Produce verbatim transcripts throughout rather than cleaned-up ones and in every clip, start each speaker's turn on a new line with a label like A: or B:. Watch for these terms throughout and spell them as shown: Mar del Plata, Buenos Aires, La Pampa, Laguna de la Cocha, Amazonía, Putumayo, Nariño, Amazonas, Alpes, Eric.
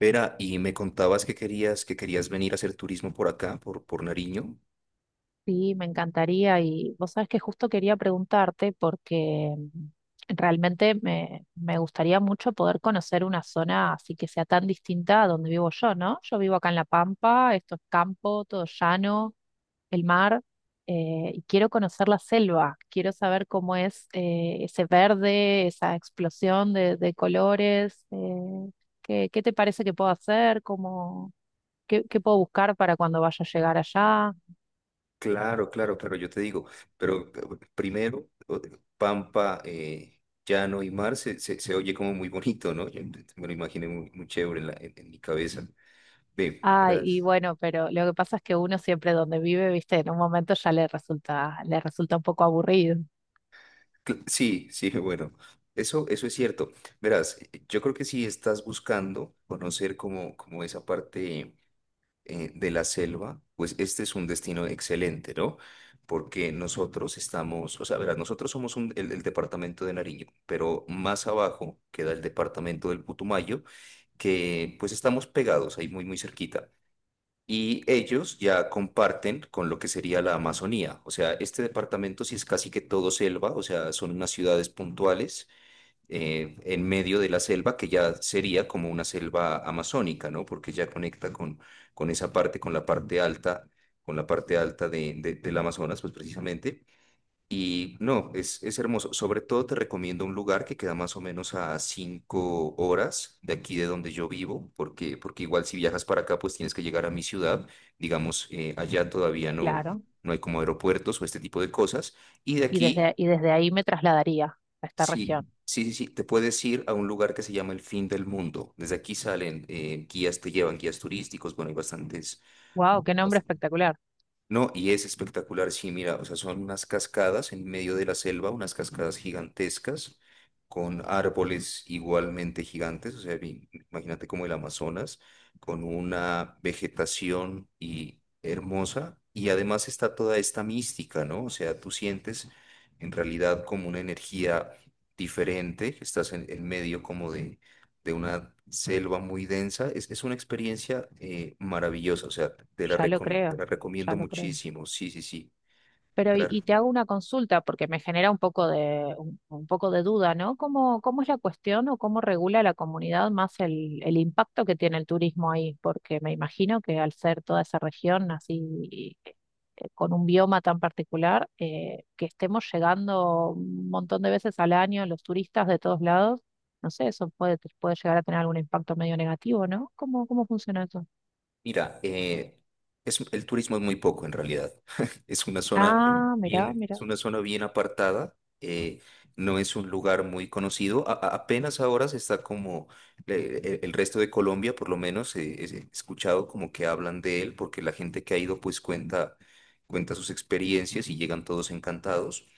A: Vera, y me contabas que querías, que querías venir a hacer turismo por acá, por, por Nariño.
B: Sí, me encantaría y vos sabés que justo quería preguntarte porque mm, realmente me, me gustaría mucho poder conocer una zona así que sea tan distinta a donde vivo yo, ¿no? Yo vivo acá en La Pampa, esto es campo, todo llano, el mar, eh, y quiero conocer la selva, quiero saber cómo es eh, ese verde, esa explosión de, de colores, eh, ¿qué, qué te parece que puedo hacer? ¿Cómo, qué, qué puedo buscar para cuando vaya a llegar allá?
A: Claro, claro, claro, yo te digo, pero eh, primero, o- Pampa, eh, Llano y Mar se, se, se oye como muy bonito, ¿no? Yo me lo imaginé muy, muy chévere en, la- en- en mi cabeza. Ve,
B: Ay, y
A: verás.
B: bueno, pero lo que pasa es que uno siempre donde vive, viste, en un momento ya le resulta, le resulta un poco aburrido,
A: cl- Sí, sí, bueno, eso, eso es cierto. Verás, yo creo que si estás buscando conocer como, como esa parte eh, de la selva, pues este es un destino excelente, ¿no? Porque nosotros estamos, o sea, verás, nosotros somos un- el, el departamento de Nariño, pero más abajo queda el departamento del Putumayo, que pues estamos pegados ahí muy, muy cerquita. Y ellos ya comparten con lo que sería la Amazonía. O sea, este departamento sí es casi que todo selva, o sea, son unas ciudades puntuales eh, en medio de la selva, que ya sería como una selva amazónica, ¿no? Porque ya conecta con, con esa parte, con la parte alta, con la parte alta de, de- del Amazonas, pues precisamente. Y no, es, es hermoso. Sobre todo te recomiendo un lugar que queda más o menos a cinco horas de aquí de donde yo vivo, porque, porque igual si viajas para acá, pues tienes que llegar a mi ciudad. Digamos, eh, allá todavía no,
B: claro.
A: no hay como aeropuertos o este tipo de cosas. Y de
B: Y desde,
A: aquí,
B: y desde ahí me trasladaría a esta región.
A: sí, sí, sí, sí. Te puedes ir a un lugar que se llama el fin del mundo. Desde aquí salen eh, guías, te llevan guías turísticos. Bueno, hay bastantes.
B: Wow, qué nombre espectacular.
A: No, y es espectacular, sí, mira, o sea, son unas cascadas en medio de la selva, unas cascadas gigantescas, con árboles igualmente gigantes, o sea, vi- imagínate como el Amazonas, con una vegetación y hermosa, y además está toda esta mística, ¿no? O sea, tú sientes en realidad como una energía diferente, estás en, en medio como de de una selva muy densa. Es, es una experiencia eh, maravillosa, o sea, te la,
B: Ya lo
A: recom- te
B: creo,
A: la
B: ya
A: recomiendo
B: lo creo.
A: muchísimo. Sí, sí, sí.
B: Pero
A: te
B: y,
A: la-
B: y te hago una consulta porque me genera un poco de un, un poco de duda, ¿no? ¿Cómo, cómo es la cuestión o cómo regula la comunidad más el, el impacto que tiene el turismo ahí? Porque me imagino que al ser toda esa región así eh, con un bioma tan particular, eh, que estemos llegando un montón de veces al año los turistas de todos lados, no sé, eso puede, puede llegar a tener algún impacto medio negativo, ¿no? ¿Cómo, cómo funciona eso?
A: Mira, eh, es, el turismo es muy poco en realidad. Es una zona
B: Ah, mirá,
A: bien,
B: mirá,
A: es una zona bien apartada. eh, no es un lugar muy conocido. A- a- apenas ahora se está como le- e- el resto de Colombia, por lo menos, eh, es- he escuchado como que hablan de él, porque la gente que ha ido pues cuenta, cuenta sus experiencias y llegan todos encantados.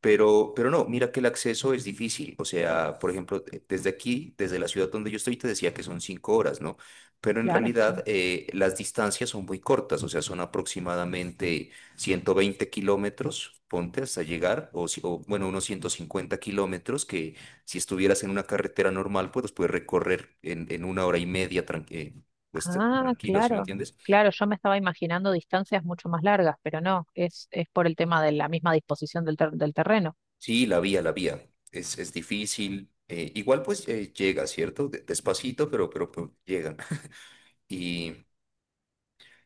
A: Pero, pero no, mira que el acceso es difícil. O sea, por ejemplo, eh, desde aquí, desde la ciudad donde yo estoy, te decía que son cinco horas, ¿no? Pero en
B: claro, sí.
A: realidad eh, las distancias son muy cortas, o sea, son aproximadamente ciento veinte kilómetros, ponte hasta llegar, o, si- o, bueno, unos ciento cincuenta kilómetros que si estuvieras en una carretera normal, pues los puedes recorrer en, en una hora y media, tran- eh, pues
B: Ah,
A: tranquilo, ¿sí me
B: claro,
A: entiendes?
B: claro, yo me estaba imaginando distancias mucho más largas, pero no, es, es por el tema de la misma disposición del, ter- del terreno.
A: Sí, la vía, la vía. Es, es difícil. eh, igual pues eh, llega, ¿cierto? De- Despacito, pero, pero pues, llegan. Y,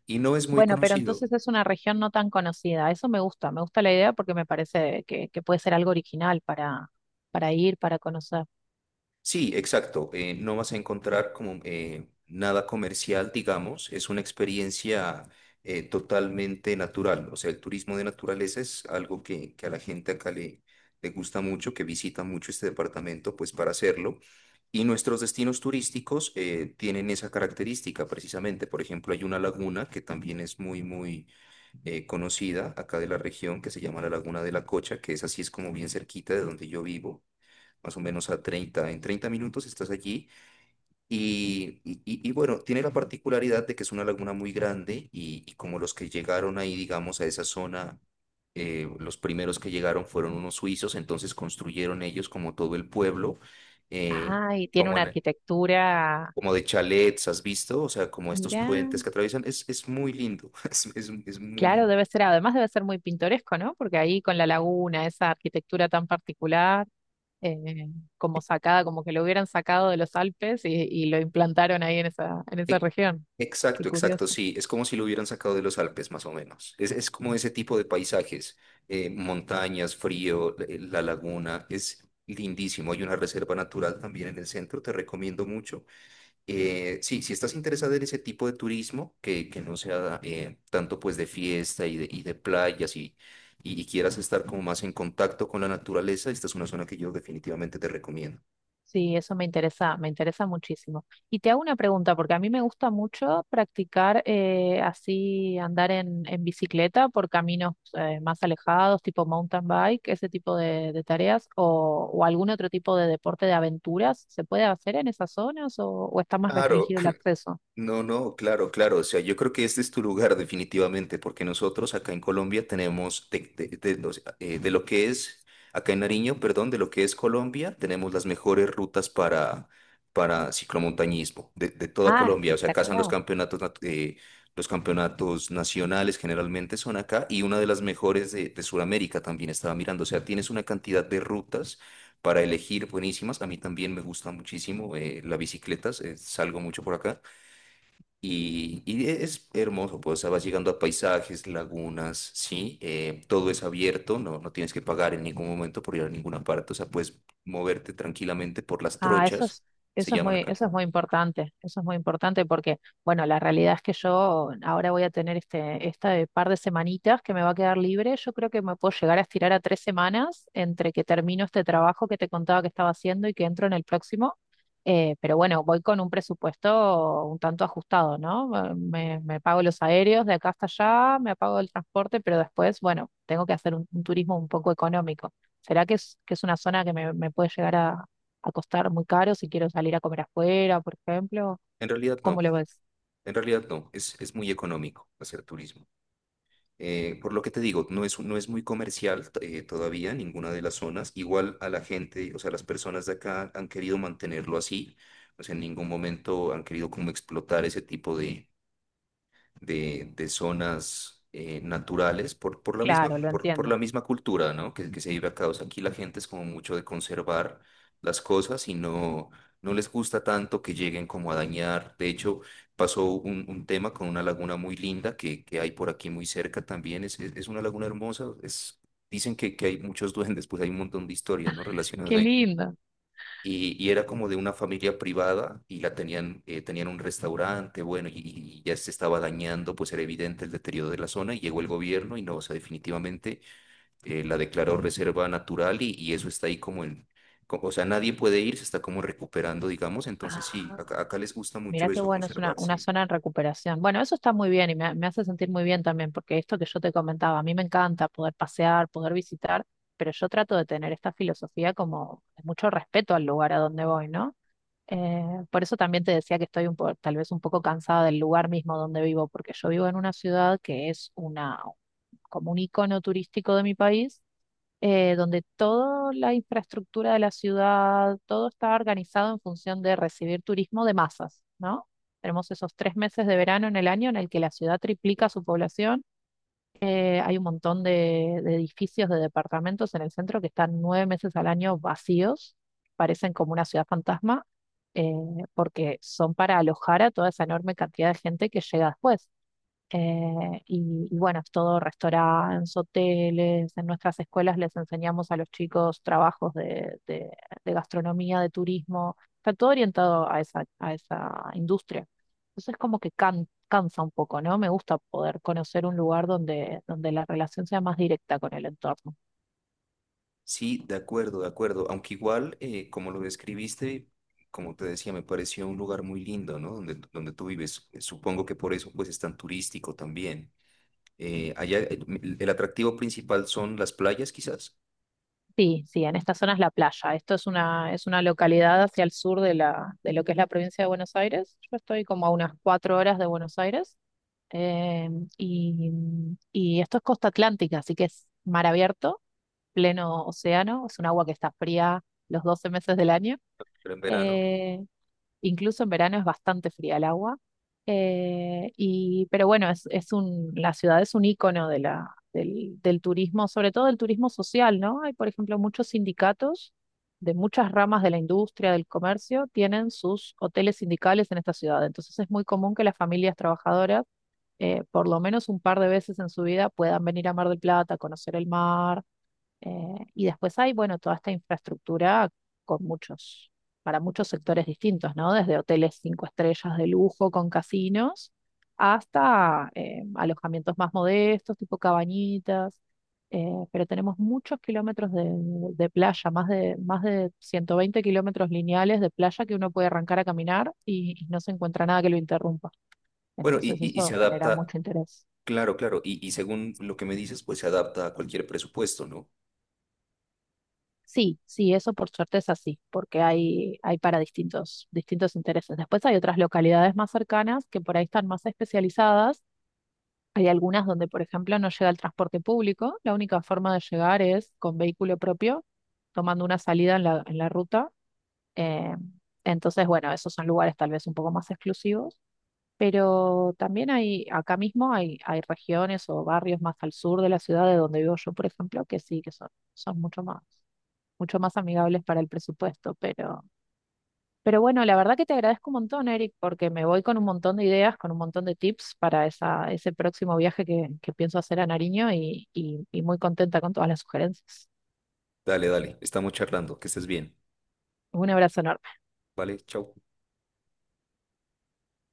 A: y no es muy
B: Bueno, pero
A: conocido.
B: entonces es una región no tan conocida, eso me gusta, me gusta la idea porque me parece que, que puede ser algo original para, para ir, para conocer.
A: Sí, exacto. eh, no vas a encontrar como eh, nada comercial, digamos. Es una experiencia eh, totalmente natural. O sea, el turismo de naturaleza es algo que, que a la gente acá le, le gusta mucho, que visita mucho este departamento, pues para hacerlo. Y nuestros destinos turísticos eh, tienen esa característica precisamente. Por ejemplo, hay una laguna que también es muy, muy eh, conocida acá de la región, que se llama la Laguna de la Cocha, que es así, es como bien cerquita de donde yo vivo, más o menos a treinta, en treinta minutos estás allí y, y- y- y bueno, tiene la particularidad de que es una laguna muy grande y, y como los que llegaron ahí, digamos, a esa zona, eh, los primeros que llegaron fueron unos suizos, entonces construyeron ellos como todo el pueblo, eh,
B: Ah, y tiene
A: como
B: una
A: en-
B: arquitectura,
A: como de chalets, ¿has visto? O sea, como estos
B: mirá,
A: puentes que atraviesan, es, es muy lindo, es, es, es muy
B: claro,
A: lindo.
B: debe ser, además debe ser muy pintoresco, ¿no? Porque ahí con la laguna, esa arquitectura tan particular. eh, Como sacada, como que lo hubieran sacado de los Alpes y, y lo implantaron ahí en esa, en esa
A: E-
B: región. Qué
A: Exacto,
B: curioso.
A: exacto, sí. Es como si lo hubieran sacado de los Alpes, más o menos. Es, es como ese tipo de paisajes, eh, montañas, frío, eh, la laguna, es lindísimo. Hay una reserva natural también en el centro, te recomiendo mucho. Eh, sí, si estás interesada en ese tipo de turismo, que, que no sea eh, tanto pues de fiesta y de, y de playas y, y, y quieras estar como más en contacto con la naturaleza, esta es una zona que yo definitivamente te recomiendo.
B: Sí, eso me interesa, me interesa muchísimo. Y te hago una pregunta, porque a mí me gusta mucho practicar eh, así, andar en, en bicicleta por caminos eh, más alejados, tipo mountain bike, ese tipo de, de tareas, o, o algún otro tipo de deporte de aventuras. ¿Se puede hacer en esas zonas o, o está más
A: Claro,
B: restringido el acceso?
A: no, no, claro, claro. O sea, yo creo que este es tu lugar definitivamente, porque nosotros acá en Colombia tenemos, de, de- de los- eh, de lo que es, acá en Nariño, perdón, de lo que es Colombia, tenemos las mejores rutas para, para ciclomontañismo de, de toda
B: Ah,
A: Colombia. O sea, acá son los
B: espectacular.
A: campeonatos, nat- eh, los campeonatos nacionales generalmente son acá y una de las mejores de, de Sudamérica también estaba mirando. O sea, tienes una cantidad de rutas para elegir buenísimas. A mí también me gusta muchísimo eh, la bicicleta, eh, salgo mucho por acá. Y, y e, es hermoso, pues, o sea, vas llegando a paisajes, lagunas, ¿sí? Eh, todo es abierto, no, no tienes que pagar en ningún momento por ir a ninguna parte, o sea, puedes moverte tranquilamente por las
B: Ah, eso
A: trochas,
B: es,
A: se
B: eso es
A: llaman
B: muy,
A: acá.
B: eso es muy importante, eso es muy importante porque, bueno, la realidad es que yo ahora voy a tener este, este par de semanitas que me va a quedar libre. Yo creo que me puedo llegar a estirar a tres semanas entre que termino este trabajo que te contaba que estaba haciendo y que entro en el próximo. Eh, pero bueno, voy con un presupuesto un tanto ajustado, ¿no? Eh, Me, me pago los aéreos de acá hasta allá, me pago el transporte, pero después, bueno, tengo que hacer un, un turismo un poco económico. ¿Será que es, que es una zona que me, me puede llegar a a costar muy caro si quiero salir a comer afuera, por ejemplo?
A: En realidad
B: ¿Cómo lo
A: no,
B: ves?
A: en realidad no, es, es muy económico hacer turismo. Eh, por lo que te digo, no es, no es muy comercial eh, todavía ninguna de las zonas, igual a la gente, o sea, las personas de acá han querido mantenerlo así, o sea, en ningún momento han querido como explotar ese tipo de de, de zonas eh, naturales por, por la misma,
B: Claro, lo
A: por, por la
B: entiendo.
A: misma cultura, ¿no? Que, que se vive acá. O sea, aquí la gente es como mucho de conservar las cosas y no, no les gusta tanto que lleguen como a dañar. De hecho, pasó un, un tema con una laguna muy linda que, que hay por aquí muy cerca también. Es, es, es una laguna hermosa. Es, dicen que, que hay muchos duendes, pues hay un montón de historias, ¿no? Relacionadas
B: Qué
A: ahí.
B: lindo.
A: Y, y era como de una familia privada y la tenían, eh, tenían un restaurante, bueno, y, y ya se estaba dañando, pues era evidente el deterioro de la zona y llegó el gobierno y no, o sea, definitivamente eh, la declaró reserva natural y, y eso está ahí como en, co- o sea, nadie puede ir, se está como recuperando, digamos,
B: Ah,
A: entonces sí, acá, acá les gusta
B: mira
A: mucho
B: qué
A: eso,
B: bueno, es una,
A: conservar,
B: una
A: sí.
B: zona en recuperación. Bueno, eso está muy bien y me, me hace sentir muy bien también, porque esto que yo te comentaba, a mí me encanta poder pasear, poder visitar, pero yo trato de tener esta filosofía como de mucho respeto al lugar a donde voy, ¿no? Eh, por eso también te decía que estoy un po- tal vez un poco cansada del lugar mismo donde vivo, porque yo vivo en una ciudad que es una, como un icono turístico de mi país eh, donde toda la infraestructura de la ciudad, todo está organizado en función de recibir turismo de masas, ¿no? Tenemos esos tres meses de verano en el año en el que la ciudad triplica su población. Eh, hay un montón de, de edificios, de departamentos en el centro que están nueve meses al año vacíos, parecen como una ciudad fantasma, eh, porque son para alojar a toda esa enorme cantidad de gente que llega después. Eh, y, y bueno, es todo restaurantes, hoteles, en nuestras escuelas les enseñamos a los chicos trabajos de, de- de gastronomía, de turismo, está todo orientado a esa, a esa industria. Entonces como que can- cansa un poco, ¿no? Me gusta poder conocer un lugar donde, donde la relación sea más directa con el entorno.
A: Sí, de acuerdo, de acuerdo, aunque igual, eh, como lo describiste, como te decía, me pareció un lugar muy lindo, ¿no? Donde, donde tú vives, supongo que por eso pues es tan turístico también. Eh, allá eh, el el atractivo principal son las playas, quizás,
B: Sí, sí, en esta zona es la playa. Esto es una, es una localidad hacia el sur de la, de lo que es la provincia de Buenos Aires. Yo estoy como a unas cuatro horas de Buenos Aires. Eh, y, y esto es costa atlántica, así que es mar abierto, pleno océano, es un agua que está fría los doce meses del año.
A: pero en verano.
B: Eh, Incluso en verano es bastante fría el agua. Eh, y, pero bueno, es, es un, la ciudad es un icono de la, del, del turismo, sobre todo del turismo social, ¿no? Hay, por ejemplo, muchos sindicatos de muchas ramas de la industria, del comercio, tienen sus hoteles sindicales en esta ciudad. Entonces es muy común que las familias trabajadoras eh, por lo menos un par de veces en su vida puedan venir a Mar del Plata, conocer el mar. Eh, y después hay, bueno, toda esta infraestructura con muchos, para muchos sectores distintos, ¿no? Desde hoteles cinco estrellas de lujo con casinos hasta eh, alojamientos más modestos, tipo cabañitas. Eh, pero tenemos muchos kilómetros de, de playa, más de, más de ciento veinte kilómetros lineales de playa que uno puede arrancar a caminar y y no se encuentra nada que lo interrumpa.
A: Bueno, y,
B: Entonces
A: y- y se
B: eso genera
A: adapta,
B: mucho interés.
A: claro, claro, y, y según lo que me dices, pues se adapta a cualquier presupuesto, ¿no?
B: Sí, sí, eso por suerte es así, porque hay, hay para distintos, distintos intereses. Después hay otras localidades más cercanas que por ahí están más especializadas. Hay algunas donde, por ejemplo, no llega el transporte público. La única forma de llegar es con vehículo propio, tomando una salida en la, en la ruta. Eh, entonces, bueno, esos son lugares tal vez un poco más exclusivos. Pero también hay, acá mismo hay, hay regiones o barrios más al sur de la ciudad de donde vivo yo, por ejemplo, que sí, que son, son mucho más, mucho más amigables para el presupuesto. Pero, pero bueno, la verdad que te agradezco un montón, Eric, porque me voy con un montón de ideas, con un montón de tips para esa, ese próximo viaje que, que pienso hacer a Nariño y, y, y muy contenta con todas las sugerencias.
A: Dale, dale, estamos charlando, que estés bien,
B: Un abrazo enorme.
A: ¿vale? Chau.